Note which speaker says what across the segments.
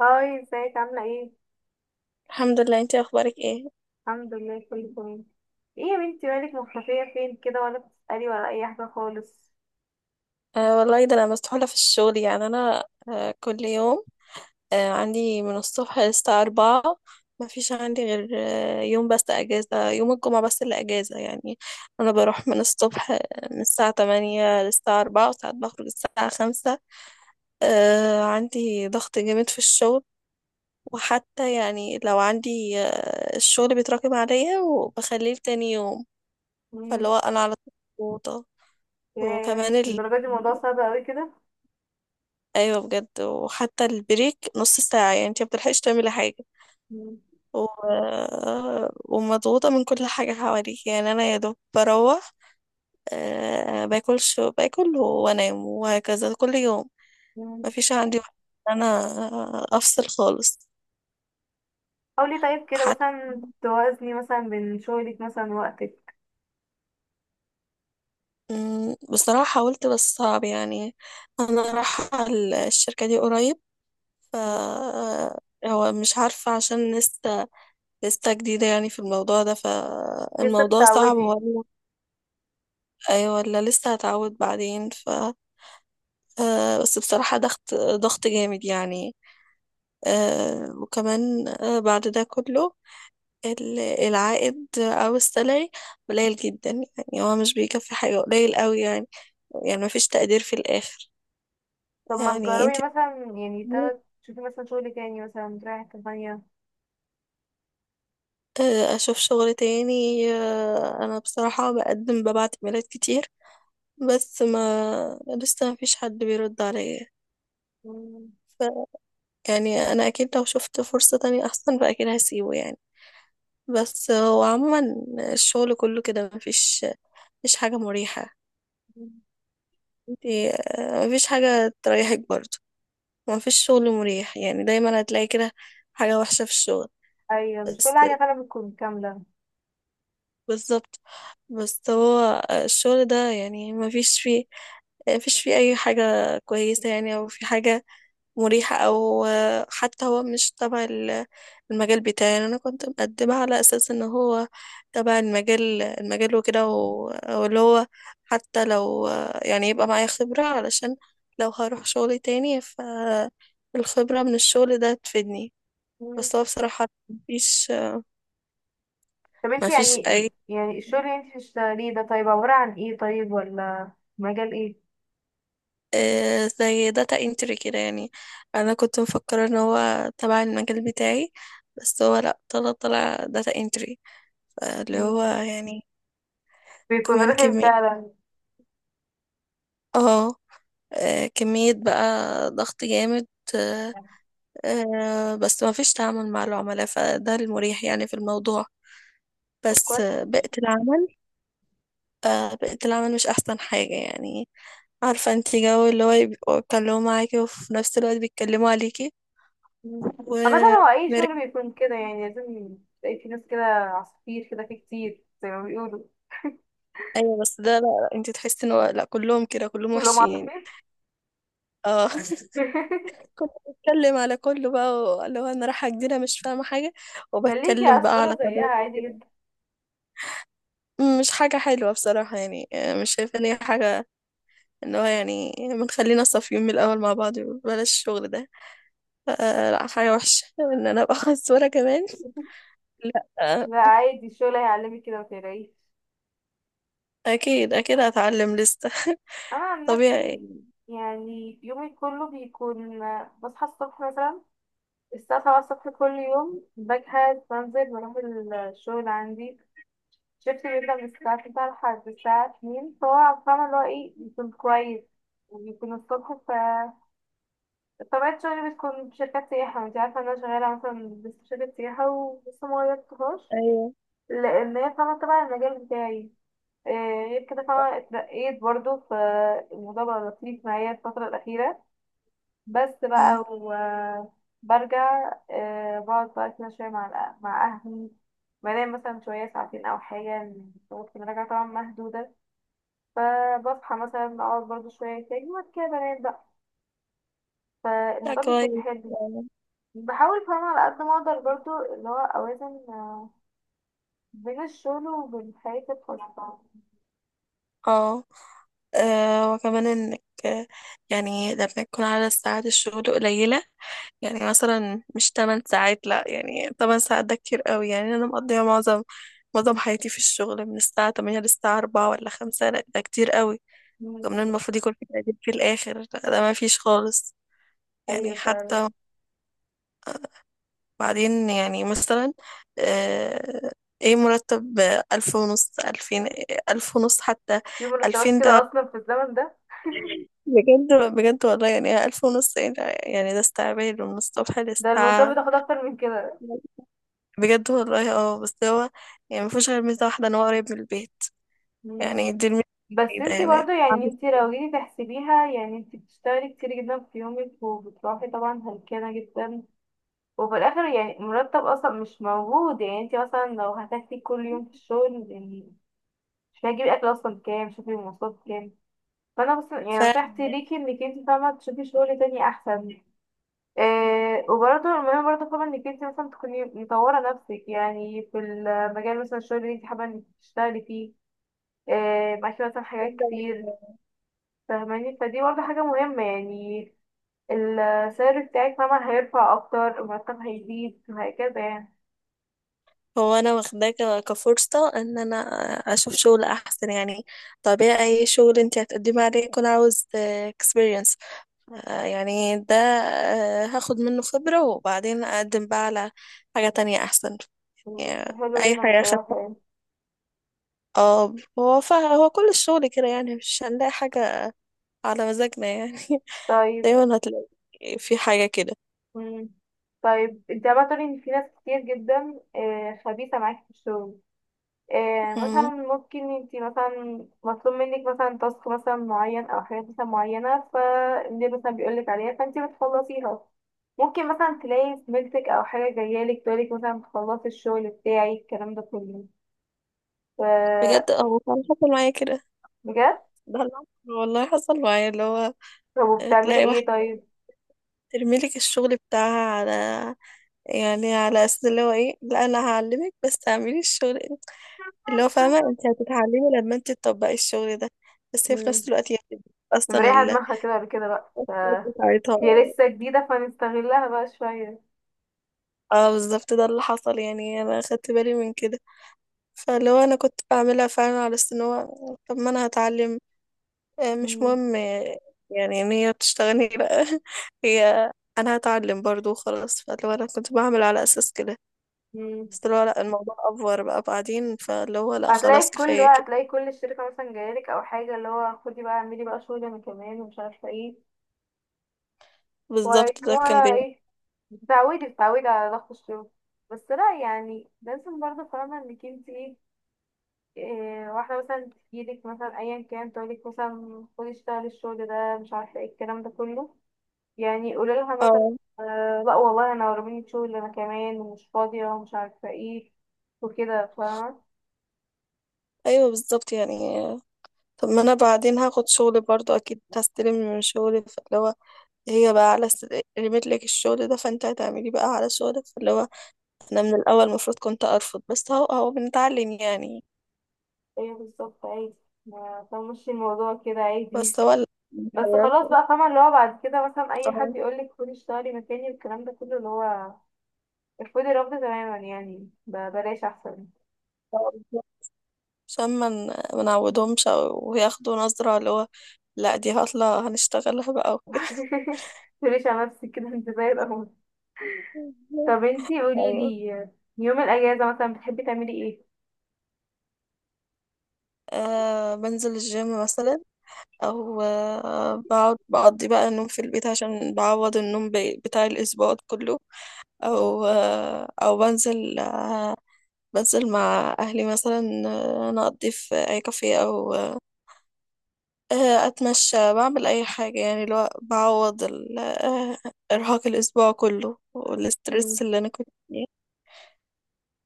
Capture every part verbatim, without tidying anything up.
Speaker 1: هاي، ازيك؟ عاملة ايه؟
Speaker 2: الحمد لله، انتي اخبارك ايه؟
Speaker 1: الحمد لله، كله تمام. ايه يا بنتي، مالك مختفية فين كده؟ ولا بتسألي ولا أي حاجة خالص.
Speaker 2: آه والله ده انا مسحولة في الشغل، يعني انا آه كل يوم. آه عندي من الصبح للساعة أربعة، ما فيش عندي غير آه يوم بس اجازة، يوم الجمعة بس اللي اجازة يعني. انا بروح من الصبح، آه، من الساعة تمانية للساعة أربعة، وساعات بخرج الساعة خمسة. آه عندي ضغط جامد في الشغل، وحتى يعني لو عندي آه الشغل بيتراكم عليا وبخليه لتاني يوم.
Speaker 1: مم.
Speaker 2: فاللي هو انا على طول مضغوطة.
Speaker 1: ياه،
Speaker 2: وكمان ال...
Speaker 1: الدرجة دي الموضوع صعب اوي كده.
Speaker 2: ايوه بجد، وحتى البريك نص ساعة، يعني انت مبتلحقيش تعملي حاجة.
Speaker 1: مم.
Speaker 2: و... ومضغوطة من كل حاجة حواليك، يعني انا يا دوب بروح. أه باكلش باكل وانام وهكذا كل يوم.
Speaker 1: مم.
Speaker 2: مفيش عندي وقت إن انا افصل خالص.
Speaker 1: حاولي طيب كده
Speaker 2: حتى
Speaker 1: مثلا توازني مثلا بين شغلك مثلا ووقتك.
Speaker 2: مم، بصراحة حاولت بس صعب يعني. أنا رايحة، الشركة دي قريب، ف
Speaker 1: مم.
Speaker 2: هو مش عارفة عشان لسه لسه جديدة يعني في الموضوع ده،
Speaker 1: لسه
Speaker 2: فالموضوع صعب.
Speaker 1: بتعودي؟
Speaker 2: ايوه، ولا لسه هتعود بعدين ف آه، بس بصراحة ضغط ضغط جامد يعني. آه، وكمان آه، بعد ده كله ال- العائد او السالري قليل جدا، يعني هو مش بيكفي حاجة، قليل قوي يعني، يعني مفيش تقدير في الاخر.
Speaker 1: طب ما
Speaker 2: يعني انت
Speaker 1: تجربي مثلا، يعني
Speaker 2: بتقولي،
Speaker 1: تا- تشوفي مثلا شغل تاني، مثلا تروحي حتة تانية.
Speaker 2: آه، اشوف شغل تاني. آه، انا بصراحة بقدم، ببعت ايميلات كتير، بس ما لسه مفيش حد بيرد عليا.
Speaker 1: مم.
Speaker 2: ف- يعني انا اكيد لو شفت فرصة تانية احسن فاكيد هسيبه يعني. بس هو عموما الشغل كله كده، مفيش مفيش حاجة مريحة.
Speaker 1: مم.
Speaker 2: انتي آه، مفيش حاجة تريحك برضه، مفيش شغل مريح، يعني دايما هتلاقي كده حاجة وحشة في الشغل.
Speaker 1: أيوة، مش كل
Speaker 2: بس.
Speaker 1: حاجة فعلا بتكون كاملة.
Speaker 2: بالظبط. بس هو الشغل ده يعني مفيش فيه مفيش فيه أي حاجة كويسة يعني، أو في حاجة مريحة، أو آه، حتى هو مش تبع ال- المجال بتاعي. يعني أنا كنت مقدمة على أساس إن هو تبع المجال، المجال وكده، و- واللي هو حتى لو، آه، يعني يبقى معايا خبرة علشان لو هروح شغل تاني، فالخبرة من الشغل ده تفيدني. بس هو بصراحة مفيش
Speaker 1: طب انت
Speaker 2: مفيش
Speaker 1: يعني
Speaker 2: أي،
Speaker 1: يعني الشغل اللي انت بتشتغليه ده طيب عبارة عن ايه طيب؟ ولا مجال ايه؟
Speaker 2: آه، زي داتا انتري كده يعني. انا كنت مفكره ان هو تبع المجال بتاعي، بس هو لا، طلع طلع داتا انتري، اللي هو
Speaker 1: مم.
Speaker 2: يعني
Speaker 1: بيكون
Speaker 2: كمان
Speaker 1: رخم
Speaker 2: كمية.
Speaker 1: فعلا.
Speaker 2: اه آه، كمية بقى، ضغط جامد. آه، آه، بس ما فيش تعامل مع العملاء، فده المريح يعني في الموضوع.
Speaker 1: طب
Speaker 2: بس آه،
Speaker 1: كويس.
Speaker 2: بيئة العمل، بيئة العمل مش أحسن حاجة يعني. عارفة انتي جو اللي هو يبقوا يتكلموا معاكي وفي نفس الوقت بيتكلموا عليكي
Speaker 1: مم.
Speaker 2: و
Speaker 1: عامة هو اي شغل
Speaker 2: مريح.
Speaker 1: بيكون كده، يعني لازم تلاقي في ناس كده عصافير كده، في كتير زي ما بيقولوا.
Speaker 2: أيوة بس ده لا لا، انتي تحسي ان هو لا، كلهم كده كلهم
Speaker 1: كلهم
Speaker 2: وحشين.
Speaker 1: عصافير.
Speaker 2: اه كنت بتكلم على كله بقى، اللي هو انا رايحه جديده مش فاهمه حاجه،
Speaker 1: خليكي
Speaker 2: وبتكلم بقى على
Speaker 1: عصفورة زيها
Speaker 2: قدراتي
Speaker 1: عادي
Speaker 2: وكده.
Speaker 1: جدا.
Speaker 2: م، مش حاجه حلوه بصراحه يعني. آه، مش شايفه ان هي حاجه، ان هو يعني ما نخلينا صافيين من الاول مع بعض، بلاش الشغل ده، آه لا، حاجه وحشه ان انا ابقى خسوره كمان. لا آه.
Speaker 1: لا، عادي، الشغل هيعلمك كده، متقلقيش.
Speaker 2: اكيد اكيد هتعلم لسه
Speaker 1: انا عن
Speaker 2: طبيعي.
Speaker 1: نفسي، يعني يومي كله بيكون، بصحى الصبح مثلا الساعة سبعة الصبح كل يوم، بجهز بنزل بروح الشغل عندي، شفت؟ بيبدأ من الساعة تسعة لحد الساعة اتنين، فهو فاهمة اللي هو ايه، يكون كويس ويكون الصبح. ف طبيعة شغلي بتكون في شركات سياحة، وانتي عارفة ان انا شغالة مثلا بس في شركة سياحة ولسه مغيرتهاش،
Speaker 2: ايوه.
Speaker 1: لأن هي فاهمة تبع المجال بتاعي. إيه، غير كده، فاهمة، اترقيت برضه، فالموضوع بقى لطيف معايا الفترة الأخيرة. بس بقى
Speaker 2: مم.
Speaker 1: وبرجع آه، بقعد بقى كده شوية مع الأ- مع أهلي. بنام مثلا شوية ساعتين أو حاجة، وقت ما راجعة طبعا مهدودة. فبصحى مثلا أقعد برضه شوية تاني، وبعد كده بنام بقى.
Speaker 2: لا
Speaker 1: فالموضوع بيكون
Speaker 2: كويس.
Speaker 1: حلو. بحاول فاهمة على قد ما أقدر برضه اللي هو أوازن آه، بين الشغل وبين حياتي الخاصة.
Speaker 2: اه آه، وكمان انك آه، يعني لما يكون على ساعات الشغل قليلة، يعني مثلا مش تمن ساعات، لا يعني تمن ساعات ده كتير قوي، يعني انا مقضيها معظم معظم حياتي في الشغل من الساعة تمانية للساعة أربعة ولا خمسة، لا ده كتير قوي.
Speaker 1: مم.
Speaker 2: كمان المفروض يكون في تقدير في الاخر، لا ده ما فيش خالص. يعني
Speaker 1: أيوة فعلا.
Speaker 2: حتى بعدين يعني مثلا، آه، ايه مرتب؟ ألف ونص، ألفين، ألف ونص حتى،
Speaker 1: في مرتبات
Speaker 2: ألفين
Speaker 1: كده
Speaker 2: ده
Speaker 1: أصلا في الزمن ده؟
Speaker 2: بجد؟ بجد والله، يعني ألف ونص، ايه ده؟ يعني ده استعباد من الصبح
Speaker 1: ده المصاب
Speaker 2: للساعة.
Speaker 1: بتاخد أكتر من كده.
Speaker 2: بجد والله. اه، بس هو يعني مفيهوش غير ميزة واحدة ان هو قريب من البيت،
Speaker 1: مم.
Speaker 2: يعني دي الميزة
Speaker 1: بس
Speaker 2: الوحيدة
Speaker 1: انتي
Speaker 2: يعني.
Speaker 1: برضو، يعني انتي لو جيتي تحسبيها، يعني انتي بتشتغلي كتير جدا في يومك، وبتروحي طبعا هلكانة جدا، وفي الاخر يعني مرتب اصلا مش موجود. يعني انتي مثلا لو هتاكلي كل يوم في الشغل يعني، مش هتجيبي اكل اصلا؟ كام؟ شوفي المواصلات كام. فانا بس يعني نصيحتي
Speaker 2: فبجد،
Speaker 1: ليكي انك انتي فاهمة تشوفي شغل تاني احسن. إيه، وبرضه المهم برضه فاهمة انك انتي مثلا تكوني مطورة نفسك، يعني في المجال مثلا الشغل اللي انتي حابة انك تشتغلي فيه. إيه، معاكي مثلا حاجات كتير، فاهماني؟ فدي برضه حاجة مهمة يعني. السعر بتاعك مهما هيرفع أكتر، المرتب هيزيد وهكذا يعني.
Speaker 2: هو انا واخداه ك- كفرصة ان انا اشوف شغل احسن يعني. طبيعي اي شغل انت هتقدمي عليه يكون عاوز اكسبيرينس، يعني ده آه، هاخد منه خبرة وبعدين اقدم بقى على حاجة تانية احسن
Speaker 1: مم.
Speaker 2: يعني،
Speaker 1: حلو
Speaker 2: اي
Speaker 1: جدا
Speaker 2: حاجة خدتها.
Speaker 1: بصراحة يعني.
Speaker 2: اه، هو فا هو كل الشغل كده، يعني مش هنلاقي حاجة على مزاجنا يعني،
Speaker 1: طيب.
Speaker 2: دايما هتلاقي في حاجة كده.
Speaker 1: مم. طيب انت بقى تقولي ان في ناس كتير جدا آه، خبيثة معاك في الشغل. آه، مثلا
Speaker 2: مم.
Speaker 1: ممكن انت مثلا مطلوب منك مثلا تاسك مثلا معين او حاجات مثلا معينة، فاللي مثلا بيقولك عليها فانت بتخلصيها. ممكن مثلا تلاقي زميلتك او حاجة جاية لك تقولك مثلا تخلصي الشغل بتاعي، الكلام ده كله. ف-
Speaker 2: بجد هو كان حصل معايا كده،
Speaker 1: بجد؟
Speaker 2: ده اللي حصل- والله حصل معايا، اللي هو
Speaker 1: طب وبتعملي
Speaker 2: تلاقي واحد
Speaker 1: ايه طيب؟
Speaker 2: ترميلك الشغل بتاعها على، يعني على اساس اللي هو ايه، لا انا هعلمك بس تعملي الشغل، اللي هو فاهمة، انت هتتعلمي لما انت تطبقي الشغل ده. بس هي في
Speaker 1: مم.
Speaker 2: نفس الوقت يعني اصلا
Speaker 1: مريحة
Speaker 2: ال-
Speaker 1: دماغها كده ولا كده بقى ف...
Speaker 2: بتاعتها.
Speaker 1: هي لسه جديدة فنستغلها بقى شوية.
Speaker 2: اه بالظبط ده اللي حصل، يعني انا خدت بالي من كده. فاللي هو انا كنت بعملها فعلا على اساس ان هو، طب ما انا هتعلم، آه، مش
Speaker 1: مم.
Speaker 2: مهم، آه، يعني ان هي تشتغلني، لا هي انا هتعلم برضو وخلاص، فاللي هو انا كنت بعمل على اساس كده.
Speaker 1: مم.
Speaker 2: بس اللي هو لا، الموضوع افور بقى بعدين، فاللي هو لا خلاص،
Speaker 1: هتلاقي كل
Speaker 2: كفايه
Speaker 1: بقى،
Speaker 2: كده.
Speaker 1: هتلاقي كل الشركة مثلا جايلك أو حاجة، اللي هو خدي بقى اعملي بقى شغل أنا كمان ومش عارفة ايه
Speaker 2: بالظبط ده كان
Speaker 1: ويكتبوها
Speaker 2: بي.
Speaker 1: ايه. بتعودي بتعودي على ضغط الشغل. بس لا، يعني لازم برضه فاهمة انك انت ايه، إيه، واحدة مثلا تجيلك مثلا أيا كان تقولك مثلا خدي اشتغلي الشغل ده مش عارفة ايه، الكلام ده كله، يعني قولي لها مثلا
Speaker 2: اه
Speaker 1: آه لا والله انا ورميني شغل انا كمان ومش فاضية ومش عارفة ايه وكده فاهمة.
Speaker 2: ايوه بالظبط يعني، آه، طب ما انا بعدين هاخد شغل برضو اكيد هستلم من شغلي، فاللي هو هي بقى على س... رميت لك الشغل ده، فانت هتعملي بقى على شغلك. فاللي هو انا من الاول المفروض كنت ارفض، بس هو هو بنتعلم يعني.
Speaker 1: ايه بالظبط، عادي، ما تمشي الموضوع كده عادي.
Speaker 2: بس هو لا،
Speaker 1: بس
Speaker 2: اتغيرت.
Speaker 1: خلاص بقى فاهمة اللي هو بعد كده مثلا اي حد
Speaker 2: اه
Speaker 1: يقولك خدي اشتغلي مكاني والكلام ده كله، اللي هو ارفضي الرفض تماما، يعني ب- بلاش احسن.
Speaker 2: آه، عشان ما من... ما نعودهمش او ياخدوا نظرة اللي هو، لا دي هطلع هنشتغلها بقى وكده
Speaker 1: متقوليش على نفسك كده انت زي الاول. طب انتي
Speaker 2: ايوه.
Speaker 1: قوليلي، يوم الاجازة مثلا بتحبي تعملي ايه؟
Speaker 2: أه بنزل الجيم مثلا، او أه بقعد بقضي بقى النوم في البيت عشان بعوض النوم ب- بتاع الاسبوع كله، او أه او بنزل أه بنزل مع اهلي مثلا، آه، نقضي في اي كافيه او آه، أتمشى، بعمل أي حاجة يعني اللي هو بعوض ال- آه، إرهاق الأسبوع كله
Speaker 1: مم.
Speaker 2: والسترس اللي أنا كنت فيه.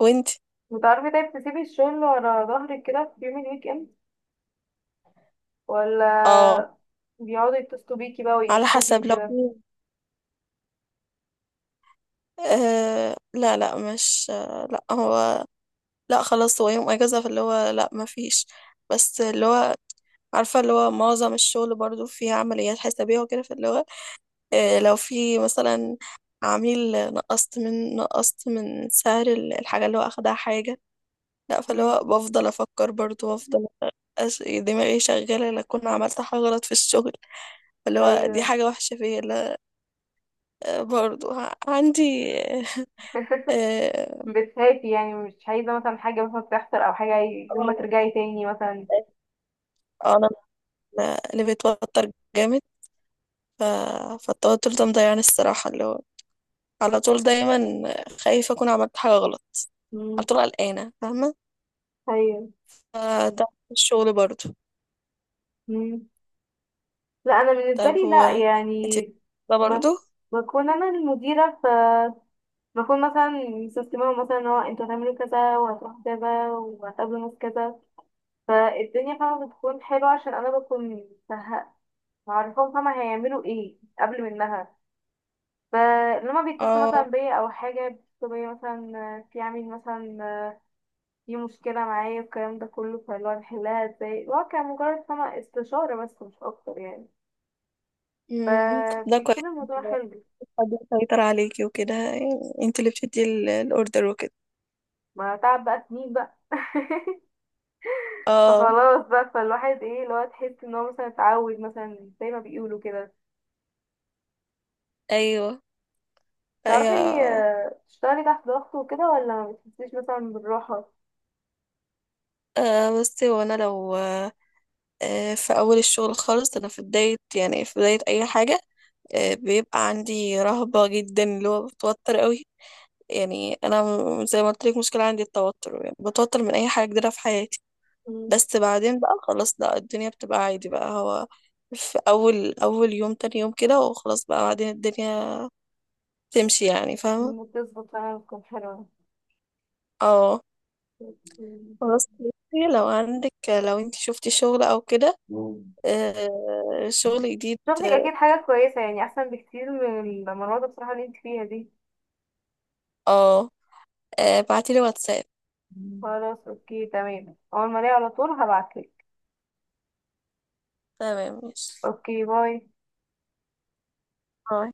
Speaker 2: وانتي؟
Speaker 1: وتعرفي طيب تسيبي الشغل ورا ظهرك كده في يوم الويك اند؟
Speaker 2: اه
Speaker 1: ولا بيقعدوا يتصلوا بيكي بقى
Speaker 2: على
Speaker 1: ويتفوكي
Speaker 2: حسب، لو
Speaker 1: وكده؟
Speaker 2: آه لا لا، مش آه لا، هو لا خلاص، هو يوم اجازه فاللي هو لا ما فيش. بس اللي هو عارفه اللي هو معظم الشغل برضو فيه عمليات حسابيه وكده، فاللي هو آه لو في مثلا عميل نقصت من، نقصت من سعر ال- الحاجه اللي هو اخدها حاجه، لا، فاللي
Speaker 1: امم،
Speaker 2: هو بفضل افكر برضو، وافضل أس- دماغي شغاله، لا اكون عملت حاجه غلط في الشغل، فاللي هو دي
Speaker 1: ايوه.
Speaker 2: حاجه وحشه فيا، لا. آه، برضو ع- عندي. اه
Speaker 1: بتخافي يعني مش عايزة مثلا حاجة مثلا تحصل أو حاجة يوم ما
Speaker 2: آه،
Speaker 1: ترجعي تاني مثلا؟
Speaker 2: آه، انا من اللي بيتوتر جامد، ف... فالتوتر ده مضيعني الصراحه، اللي هو على طول دايما خايفه اكون عملت حاجه غلط، على
Speaker 1: مم.
Speaker 2: طول قلقانه، فاهمه؟
Speaker 1: أيوه.
Speaker 2: فده في الشغل برضو.
Speaker 1: مم. لا، أنا بالنسبة
Speaker 2: طب
Speaker 1: لي لا
Speaker 2: هو، انت،
Speaker 1: يعني،
Speaker 2: ده برضو.
Speaker 1: بك... بكون أنا المديرة، ف بكون مثلا مسستمة مثلا إن هو أنتوا هتعملوا كذا وهتروحوا كذا وهتقابلوا ناس كذا، فالدنيا فاهمة بتكون حلوة عشان أنا بكون مه- معرفاهم فاهمة هيعملوا ايه قبل منها. ف لما بيتصلوا مثلا
Speaker 2: اه
Speaker 1: بيا او حاجه، بيتصلوا بيا مثلا في عميل مثلا في مشكله معايا الكلام ده كله، فاللي هو نحلها ازاي، اللي هو كان مجرد فما استشاره بس مش اكتر يعني.
Speaker 2: أمم، طب ده كويس،
Speaker 1: فبيكون الموضوع حلو.
Speaker 2: حد يسيطر عليكي وكده، يعني انت اللي بتدي ال- الاوردر وكده.
Speaker 1: ما تعب بقى سنين بقى.
Speaker 2: اه.
Speaker 1: فخلاص بقى، فالواحد ايه اللي هو تحس ان هو مثلا اتعود مثلا زي ما بيقولوا كده.
Speaker 2: ايوه.
Speaker 1: تعرفي
Speaker 2: ايوه.
Speaker 1: آه، تشتغلي تحت ضغط وكده، ولا ما بتحسيش مثلا بالراحة؟
Speaker 2: آه بصي، هو انا لو آه آه، في اول الشغل خالص، انا في بدايه يعني في بدايه اي حاجه، آه بيبقى عندي رهبه جدا اللي هو بتوتر قوي، يعني انا م- زي ما قلت لك، مشكله عندي التوتر، يعني بتوتر من اي حاجه جديده في حياتي.
Speaker 1: مم.
Speaker 2: بس بعدين بقى خلاص لا، الدنيا بتبقى عادي بقى، هو في اول اول يوم تاني يوم كده، وخلاص بقى بعدين الدنيا تمشي يعني، فاهمه.
Speaker 1: بتظبط فعلا، بتكون حلوة.
Speaker 2: اه. خلاص بصي، لو عندك لو انت شفتي شغل او كده، آه شغل جديد،
Speaker 1: شغلك اكيد حاجة كويسة يعني، احسن بكتير من المرات بصراحة اللي انت فيها دي.
Speaker 2: اه ابعتي لي واتساب.
Speaker 1: خلاص اوكي تمام، اول ما الاقي على طول هبعتلك.
Speaker 2: تمام ماشي.
Speaker 1: اوكي باي.
Speaker 2: باي.